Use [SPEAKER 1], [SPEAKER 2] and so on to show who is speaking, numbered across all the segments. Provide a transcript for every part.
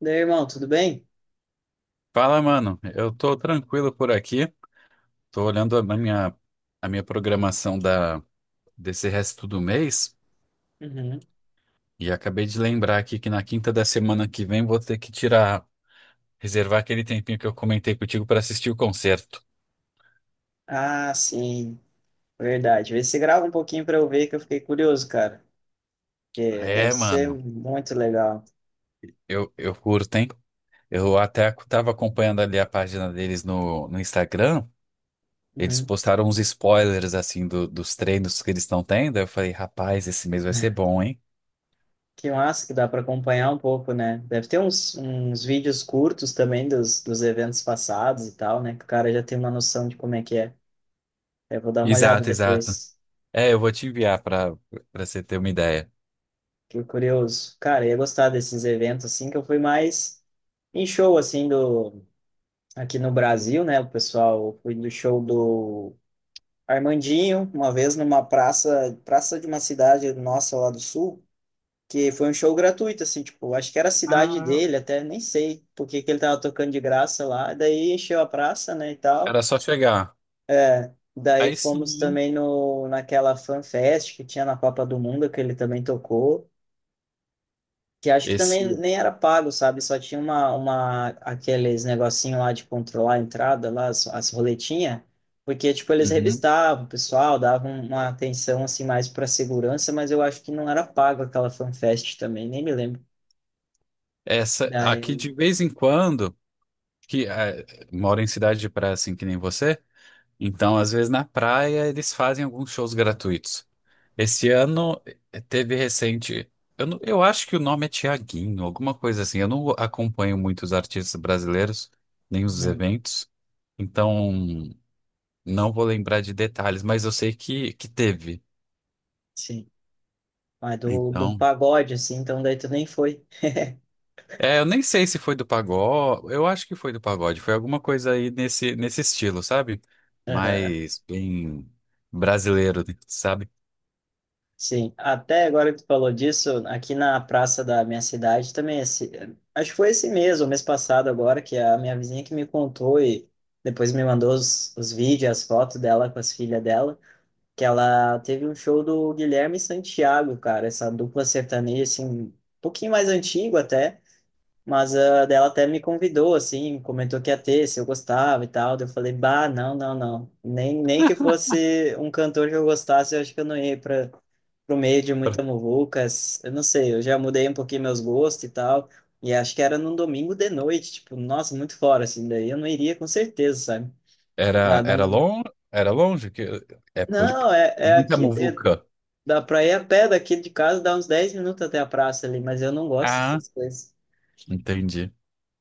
[SPEAKER 1] Daí, irmão, tudo bem?
[SPEAKER 2] Fala, mano. Eu tô tranquilo por aqui. Tô olhando a minha, a minha programação da, desse resto do mês
[SPEAKER 1] Uhum.
[SPEAKER 2] e acabei de lembrar aqui que na quinta da semana que vem vou ter que tirar, reservar aquele tempinho que eu comentei contigo pra assistir o concerto.
[SPEAKER 1] Ah, sim, verdade. Vê se grava um pouquinho pra eu ver que eu fiquei curioso, cara. É, deve
[SPEAKER 2] É,
[SPEAKER 1] ser
[SPEAKER 2] mano.
[SPEAKER 1] muito legal.
[SPEAKER 2] Eu curto, hein? Eu até tava acompanhando ali a página deles no Instagram. Eles
[SPEAKER 1] Uhum.
[SPEAKER 2] postaram uns spoilers, assim, dos treinos que eles estão tendo. Eu falei, rapaz, esse mês vai ser bom, hein?
[SPEAKER 1] Que massa que dá pra acompanhar um pouco, né? Deve ter uns vídeos curtos também dos eventos passados e tal, né? Que o cara já tem uma noção de como é que é. Eu vou dar uma olhada
[SPEAKER 2] Exato, exato.
[SPEAKER 1] depois.
[SPEAKER 2] É, eu vou te enviar para você ter uma ideia.
[SPEAKER 1] Fiquei curioso. Cara, eu ia gostar desses eventos, assim, que eu fui mais em show, assim, do. Aqui no Brasil, né? O pessoal, eu fui do show do Armandinho, uma vez numa praça, praça de uma cidade nossa lá do sul, que foi um show gratuito, assim, tipo, acho que era a cidade
[SPEAKER 2] Ah,
[SPEAKER 1] dele até, nem sei porque que ele tava tocando de graça lá, daí encheu a praça, né, e tal.
[SPEAKER 2] era só chegar.
[SPEAKER 1] Daí
[SPEAKER 2] Aí
[SPEAKER 1] fomos
[SPEAKER 2] sim,
[SPEAKER 1] também no, naquela Fan Fest que tinha na Copa do Mundo, que ele também tocou. Que acho que também
[SPEAKER 2] esse,
[SPEAKER 1] nem era pago, sabe? Só tinha uma aqueles negocinho lá de controlar a entrada, lá, as roletinhas, porque, tipo, eles
[SPEAKER 2] uhum,
[SPEAKER 1] revistavam o pessoal, davam uma atenção, assim, mais para segurança, mas eu acho que não era pago aquela fanfest também, nem me lembro.
[SPEAKER 2] essa aqui
[SPEAKER 1] Daí,
[SPEAKER 2] de vez em quando que é, moro em cidade de praia assim que nem você, então às vezes na praia eles fazem alguns shows gratuitos. Esse ano teve recente, eu acho que o nome é Tiaguinho, alguma coisa assim. Eu não acompanho muito os artistas brasileiros nem os
[SPEAKER 1] uhum,
[SPEAKER 2] eventos, então não vou lembrar de detalhes, mas eu sei que teve.
[SPEAKER 1] sim, mas do,
[SPEAKER 2] Então,
[SPEAKER 1] pagode, assim, então daí tu nem foi.
[SPEAKER 2] é, eu nem sei se foi do pagode, eu acho que foi do pagode, foi alguma coisa aí nesse, nesse estilo, sabe? Mas bem brasileiro, né, sabe?
[SPEAKER 1] Sim, até agora que tu falou disso, aqui na praça da minha cidade também, esse, acho que foi esse mês, ou mês passado agora, que a minha vizinha que me contou e depois me mandou os vídeos, as fotos dela com as filhas dela, que ela teve um show do Guilherme Santiago, cara, essa dupla sertaneja, assim, um pouquinho mais antigo até, mas a dela até me convidou, assim, comentou que ia ter, se eu gostava e tal. Daí eu falei, bah, não, não, não. Nem que fosse um cantor que eu gostasse, eu acho que eu não ia para pro meio de muita muvuca. Eu não sei, eu já mudei um pouquinho meus gostos e tal. E acho que era num domingo de noite, tipo, nossa, muito fora, assim. Daí eu não iria com certeza, sabe? Ah,
[SPEAKER 2] Era,
[SPEAKER 1] não,
[SPEAKER 2] era longe que é por
[SPEAKER 1] não, é,
[SPEAKER 2] e
[SPEAKER 1] é
[SPEAKER 2] muita
[SPEAKER 1] aqui, é,
[SPEAKER 2] muvuca.
[SPEAKER 1] dá pra ir a pé daqui de casa, dá uns 10 minutos até a praça ali, mas eu não gosto
[SPEAKER 2] Ah,
[SPEAKER 1] dessas coisas.
[SPEAKER 2] entendi.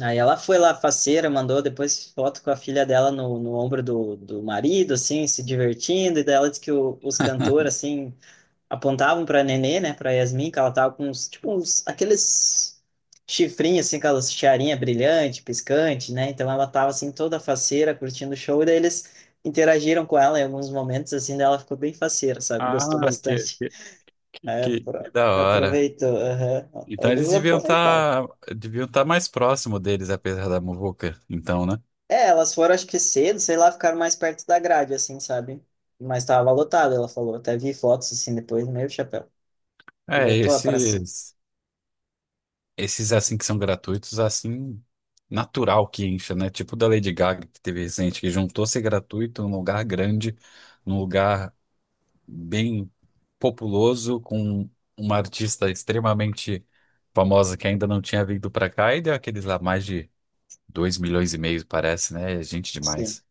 [SPEAKER 1] Aí ela foi lá, faceira, mandou depois foto com a filha dela no ombro do marido, assim, se divertindo. E daí ela disse que os cantores, assim, apontavam pra Nenê, né, pra Yasmin, que ela tava com uns, tipo, uns, aqueles chifrinhos, assim, aquelas tiarinha brilhante, piscante, né? Então ela tava, assim, toda faceira, curtindo o show. E daí eles interagiram com ela em alguns momentos, assim, daí ela ficou bem faceira, sabe?
[SPEAKER 2] Ah,
[SPEAKER 1] Gostou
[SPEAKER 2] que,
[SPEAKER 1] bastante.
[SPEAKER 2] que,
[SPEAKER 1] É,
[SPEAKER 2] que da hora.
[SPEAKER 1] aproveitou, aham.
[SPEAKER 2] Então
[SPEAKER 1] Eles
[SPEAKER 2] eles deviam
[SPEAKER 1] aproveitaram.
[SPEAKER 2] estar deviam tá mais próximo deles, apesar da muvuca, então, né?
[SPEAKER 1] É, elas foram, acho que cedo, sei lá, ficaram mais perto da grade, assim, sabe? Mas tava lotado, ela falou. Até vi fotos, assim, depois, meio chapéu.
[SPEAKER 2] É,
[SPEAKER 1] Lotou a praça.
[SPEAKER 2] esse. Esses assim que são gratuitos, assim, natural que incha, né? Tipo da Lady Gaga que teve recente, que juntou ser gratuito num lugar grande, num lugar bem populoso, com uma artista extremamente famosa que ainda não tinha vindo pra cá e deu aqueles lá mais de 2 milhões e meio, parece, né? É gente
[SPEAKER 1] Sim.
[SPEAKER 2] demais.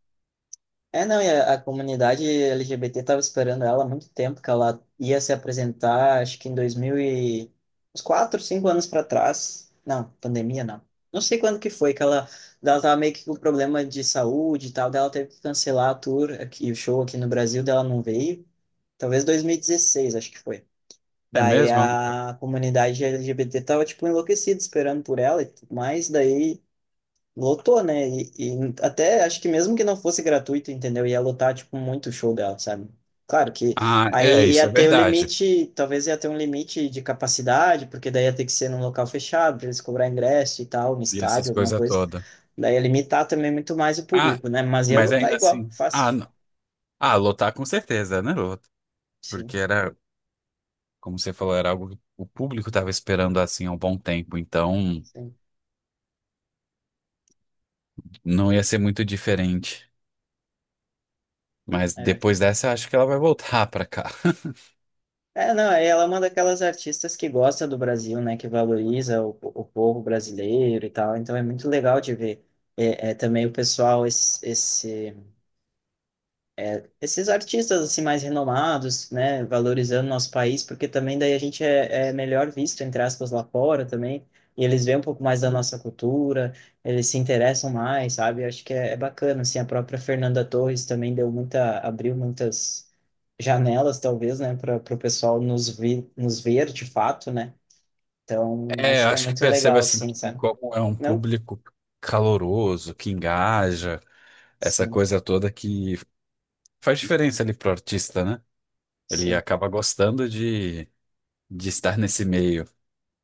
[SPEAKER 1] É, não, e a, comunidade LGBT tava esperando ela há muito tempo, que ela ia se apresentar, acho que em 2000 e. Uns 4, 5 anos para trás. Não, pandemia, não. Não sei quando que foi, que ela tava meio que com problema de saúde e tal. Daí ela teve que cancelar a tour aqui, o show aqui no Brasil, dela não veio. Talvez 2016, acho que foi.
[SPEAKER 2] É
[SPEAKER 1] Daí
[SPEAKER 2] mesmo?
[SPEAKER 1] a comunidade LGBT tava, tipo, enlouquecida esperando por ela e tudo mais, daí lotou, né? E até acho que mesmo que não fosse gratuito, entendeu? Ia lotar, tipo, muito o show dela, sabe? Claro que
[SPEAKER 2] Ah, é,
[SPEAKER 1] aí
[SPEAKER 2] isso
[SPEAKER 1] ia
[SPEAKER 2] é
[SPEAKER 1] ter o
[SPEAKER 2] verdade.
[SPEAKER 1] limite, talvez ia ter um limite de capacidade, porque daí ia ter que ser num local fechado, pra eles cobrar ingresso e tal, no
[SPEAKER 2] E essas
[SPEAKER 1] estádio, alguma
[SPEAKER 2] coisas
[SPEAKER 1] coisa.
[SPEAKER 2] todas.
[SPEAKER 1] Daí ia limitar também muito mais o
[SPEAKER 2] Ah,
[SPEAKER 1] público, né? Mas ia
[SPEAKER 2] mas
[SPEAKER 1] lotar
[SPEAKER 2] ainda
[SPEAKER 1] igual,
[SPEAKER 2] assim. Ah,
[SPEAKER 1] fácil.
[SPEAKER 2] não. Ah, lotar com certeza, né? Lota.
[SPEAKER 1] Sim,
[SPEAKER 2] Porque era. Como você falou, era algo que o público estava esperando assim há um bom tempo, então
[SPEAKER 1] sim.
[SPEAKER 2] não ia ser muito diferente. Mas
[SPEAKER 1] É.
[SPEAKER 2] depois dessa, acho que ela vai voltar para cá.
[SPEAKER 1] É, não, aí ela é uma daquelas artistas que gosta do Brasil, né, que valoriza o povo brasileiro e tal, então é muito legal de ver. É, também o pessoal, esses artistas assim mais renomados, né, valorizando nosso país, porque também daí a gente é melhor visto, entre aspas, lá fora também, e eles veem um pouco mais da nossa cultura, eles se interessam mais, sabe? Eu acho que é bacana, assim, a própria Fernanda Torres também deu muita, abriu muitas janelas, talvez, né, para o pessoal nos ver de fato, né? Então,
[SPEAKER 2] É,
[SPEAKER 1] acho
[SPEAKER 2] eu
[SPEAKER 1] que é
[SPEAKER 2] acho que
[SPEAKER 1] muito
[SPEAKER 2] percebe
[SPEAKER 1] legal,
[SPEAKER 2] assim
[SPEAKER 1] assim,
[SPEAKER 2] que
[SPEAKER 1] sabe?
[SPEAKER 2] como é um
[SPEAKER 1] Não?
[SPEAKER 2] público caloroso, que engaja, essa
[SPEAKER 1] Sim,
[SPEAKER 2] coisa toda que faz diferença ali pro artista, né? Ele
[SPEAKER 1] sim.
[SPEAKER 2] acaba gostando de estar nesse meio.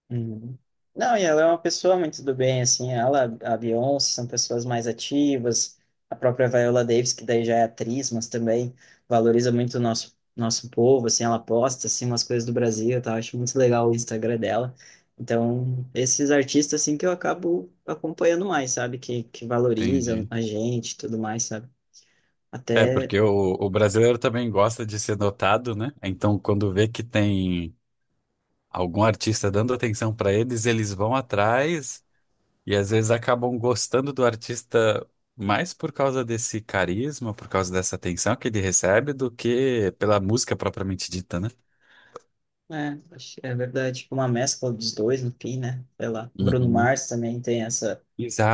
[SPEAKER 1] Uhum. Não, e ela é uma pessoa muito do bem, assim, ela, a Beyoncé, são pessoas mais ativas, a própria Viola Davis, que daí já é atriz, mas também valoriza muito o nosso povo, assim, ela posta, assim, umas coisas do Brasil, tá? Eu acho muito legal o Instagram dela. Então, esses artistas, assim, que eu acabo acompanhando mais, sabe? Que valorizam
[SPEAKER 2] Entendi.
[SPEAKER 1] a gente e tudo mais, sabe?
[SPEAKER 2] É,
[SPEAKER 1] Até,
[SPEAKER 2] porque o brasileiro também gosta de ser notado, né? Então, quando vê que tem algum artista dando atenção para eles, eles vão atrás e às vezes acabam gostando do artista mais por causa desse carisma, por causa dessa atenção que ele recebe, do que pela música propriamente dita, né?
[SPEAKER 1] é verdade, tipo, uma mescla dos dois no fim, né? Sei lá, Bruno
[SPEAKER 2] Uhum.
[SPEAKER 1] Mars também tem essa.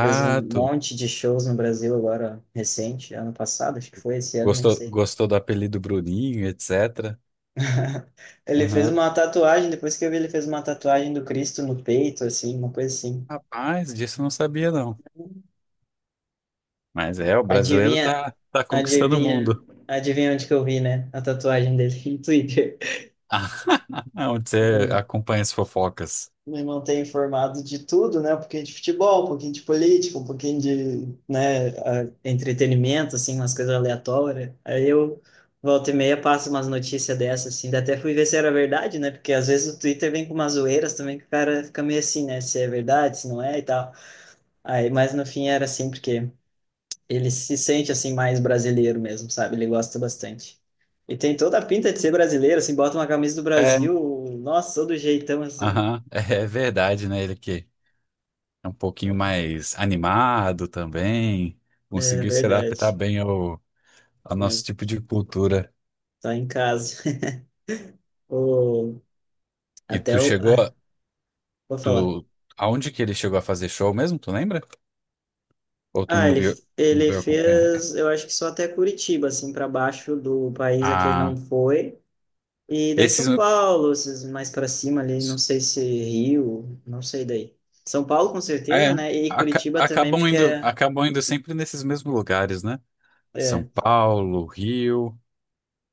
[SPEAKER 1] Fez um monte de shows no Brasil agora, recente, ano passado, acho que foi esse ano, nem
[SPEAKER 2] Gostou,
[SPEAKER 1] sei.
[SPEAKER 2] gostou do apelido Bruninho, etc.
[SPEAKER 1] Ele fez
[SPEAKER 2] Uhum.
[SPEAKER 1] uma tatuagem, depois que eu vi, ele fez uma tatuagem do Cristo no peito, assim, uma coisa assim.
[SPEAKER 2] Rapaz, disso eu não sabia, não. Mas é, o brasileiro
[SPEAKER 1] Adivinha,
[SPEAKER 2] tá, tá conquistando o
[SPEAKER 1] adivinha,
[SPEAKER 2] mundo.
[SPEAKER 1] adivinha onde que eu vi, né? A tatuagem dele no Twitter.
[SPEAKER 2] Onde você acompanha as fofocas.
[SPEAKER 1] Me manter informado de tudo, né? Um pouquinho de futebol, um pouquinho de política, um pouquinho de, né, entretenimento, assim, umas coisas aleatórias. Aí eu volta e meia passo umas notícias dessas, assim. Daí até fui ver se era verdade, né? Porque às vezes o Twitter vem com umas zoeiras também que o cara fica meio assim, né? Se é verdade, se não é e tal. Aí, mas no fim era assim, porque ele se sente, assim, mais brasileiro mesmo, sabe? Ele gosta bastante. E tem toda a pinta de ser brasileiro, assim, bota uma camisa do
[SPEAKER 2] É,
[SPEAKER 1] Brasil, nossa, todo jeitão, assim.
[SPEAKER 2] aham, é verdade, né? Ele que é um pouquinho mais animado também.
[SPEAKER 1] É
[SPEAKER 2] Conseguiu se adaptar
[SPEAKER 1] verdade,
[SPEAKER 2] bem ao, ao
[SPEAKER 1] né?
[SPEAKER 2] nosso tipo de cultura.
[SPEAKER 1] Tá em casa. O,
[SPEAKER 2] E tu
[SPEAKER 1] até o.
[SPEAKER 2] chegou a,
[SPEAKER 1] Ah, vou falar.
[SPEAKER 2] tu, aonde que ele chegou a fazer show mesmo, tu lembra? Ou tu
[SPEAKER 1] Ah,
[SPEAKER 2] não
[SPEAKER 1] ele,
[SPEAKER 2] viu, não
[SPEAKER 1] ele
[SPEAKER 2] veio acompanhar?
[SPEAKER 1] fez, eu acho que só até Curitiba, assim, para baixo do país a que ele não
[SPEAKER 2] Ah,
[SPEAKER 1] foi. E daí
[SPEAKER 2] esses
[SPEAKER 1] São Paulo, esses mais para cima ali, não sei se Rio, não sei daí. São Paulo com certeza,
[SPEAKER 2] é,
[SPEAKER 1] né? E Curitiba também, porque é.
[SPEAKER 2] acabam indo sempre nesses mesmos lugares, né? São
[SPEAKER 1] É,
[SPEAKER 2] Paulo, Rio,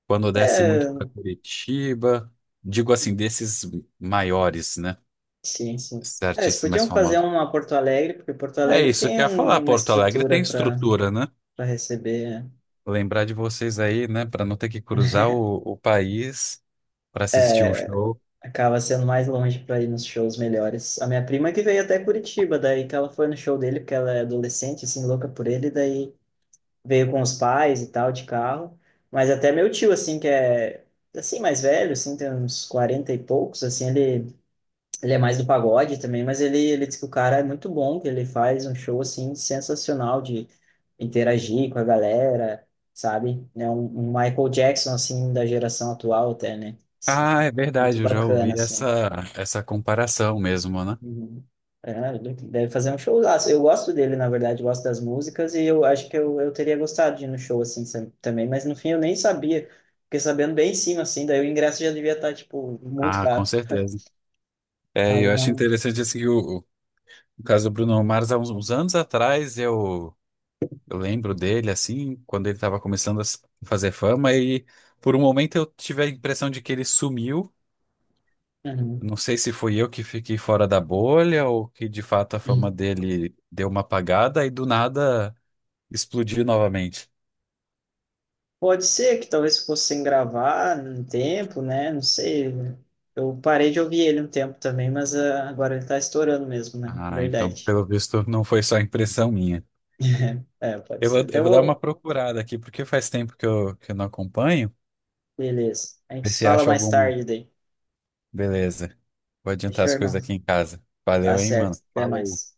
[SPEAKER 2] quando desce muito para
[SPEAKER 1] é
[SPEAKER 2] Curitiba, digo assim, desses maiores, né?
[SPEAKER 1] sim, sim.
[SPEAKER 2] Esses
[SPEAKER 1] É, eles
[SPEAKER 2] artistas mais
[SPEAKER 1] podiam fazer
[SPEAKER 2] famosos.
[SPEAKER 1] uma Porto Alegre, porque Porto
[SPEAKER 2] É
[SPEAKER 1] Alegre
[SPEAKER 2] isso que
[SPEAKER 1] tem
[SPEAKER 2] eu ia falar.
[SPEAKER 1] uma
[SPEAKER 2] Porto Alegre tem
[SPEAKER 1] estrutura para
[SPEAKER 2] estrutura, né?
[SPEAKER 1] receber.
[SPEAKER 2] Lembrar de vocês aí, né? Para não ter que cruzar o país para assistir um show.
[SPEAKER 1] Acaba sendo mais longe para ir nos shows melhores. A minha prima que veio até Curitiba, daí que ela foi no show dele, porque ela é adolescente, assim, louca por ele, daí veio com os pais e tal, de carro. Mas até meu tio, assim, que é, assim, mais velho, assim, tem uns 40 e poucos, assim, ele, é mais do pagode também, mas ele diz que o cara é muito bom, que ele faz um show, assim, sensacional de interagir com a galera, sabe? É um Michael Jackson, assim, da geração atual até, né? Assim,
[SPEAKER 2] Ah, é
[SPEAKER 1] muito
[SPEAKER 2] verdade, eu já
[SPEAKER 1] bacana,
[SPEAKER 2] ouvi
[SPEAKER 1] assim.
[SPEAKER 2] essa, essa comparação mesmo, né?
[SPEAKER 1] Uhum. É, ele deve fazer um showzaço. Eu gosto dele, na verdade, gosto das músicas e eu acho que eu teria gostado de ir no show assim também, mas no fim eu nem sabia. Fiquei sabendo bem em cima, assim, daí o ingresso já devia estar, tipo, muito
[SPEAKER 2] Ah, com
[SPEAKER 1] caro.
[SPEAKER 2] certeza. É,
[SPEAKER 1] Aí
[SPEAKER 2] eu acho
[SPEAKER 1] não.
[SPEAKER 2] interessante assim, que o caso do Bruno Mars, há uns, uns anos atrás, eu lembro dele, assim, quando ele estava começando a fazer fama, e por um momento eu tive a impressão de que ele sumiu.
[SPEAKER 1] Uhum.
[SPEAKER 2] Não sei se fui eu que fiquei fora da bolha ou que de fato a fama
[SPEAKER 1] Uhum.
[SPEAKER 2] dele deu uma apagada e do nada explodiu novamente.
[SPEAKER 1] Pode ser que talvez fosse sem gravar um tempo, né? Não sei. Eu parei de ouvir ele um tempo também, mas ah, agora ele tá estourando mesmo, né?
[SPEAKER 2] Ah, então
[SPEAKER 1] Verdade.
[SPEAKER 2] pelo visto não foi só impressão minha.
[SPEAKER 1] É, pode ser. Até
[SPEAKER 2] Eu vou dar uma
[SPEAKER 1] vou.
[SPEAKER 2] procurada aqui porque faz tempo que eu não acompanho.
[SPEAKER 1] Beleza. A gente
[SPEAKER 2] Ver
[SPEAKER 1] se
[SPEAKER 2] se
[SPEAKER 1] fala
[SPEAKER 2] acho
[SPEAKER 1] mais
[SPEAKER 2] alguma.
[SPEAKER 1] tarde daí.
[SPEAKER 2] Beleza. Vou adiantar
[SPEAKER 1] Deixa eu,
[SPEAKER 2] as coisas
[SPEAKER 1] irmão.
[SPEAKER 2] aqui em casa.
[SPEAKER 1] Tá
[SPEAKER 2] Valeu, hein,
[SPEAKER 1] certo.
[SPEAKER 2] mano.
[SPEAKER 1] Até
[SPEAKER 2] Falou.
[SPEAKER 1] mais.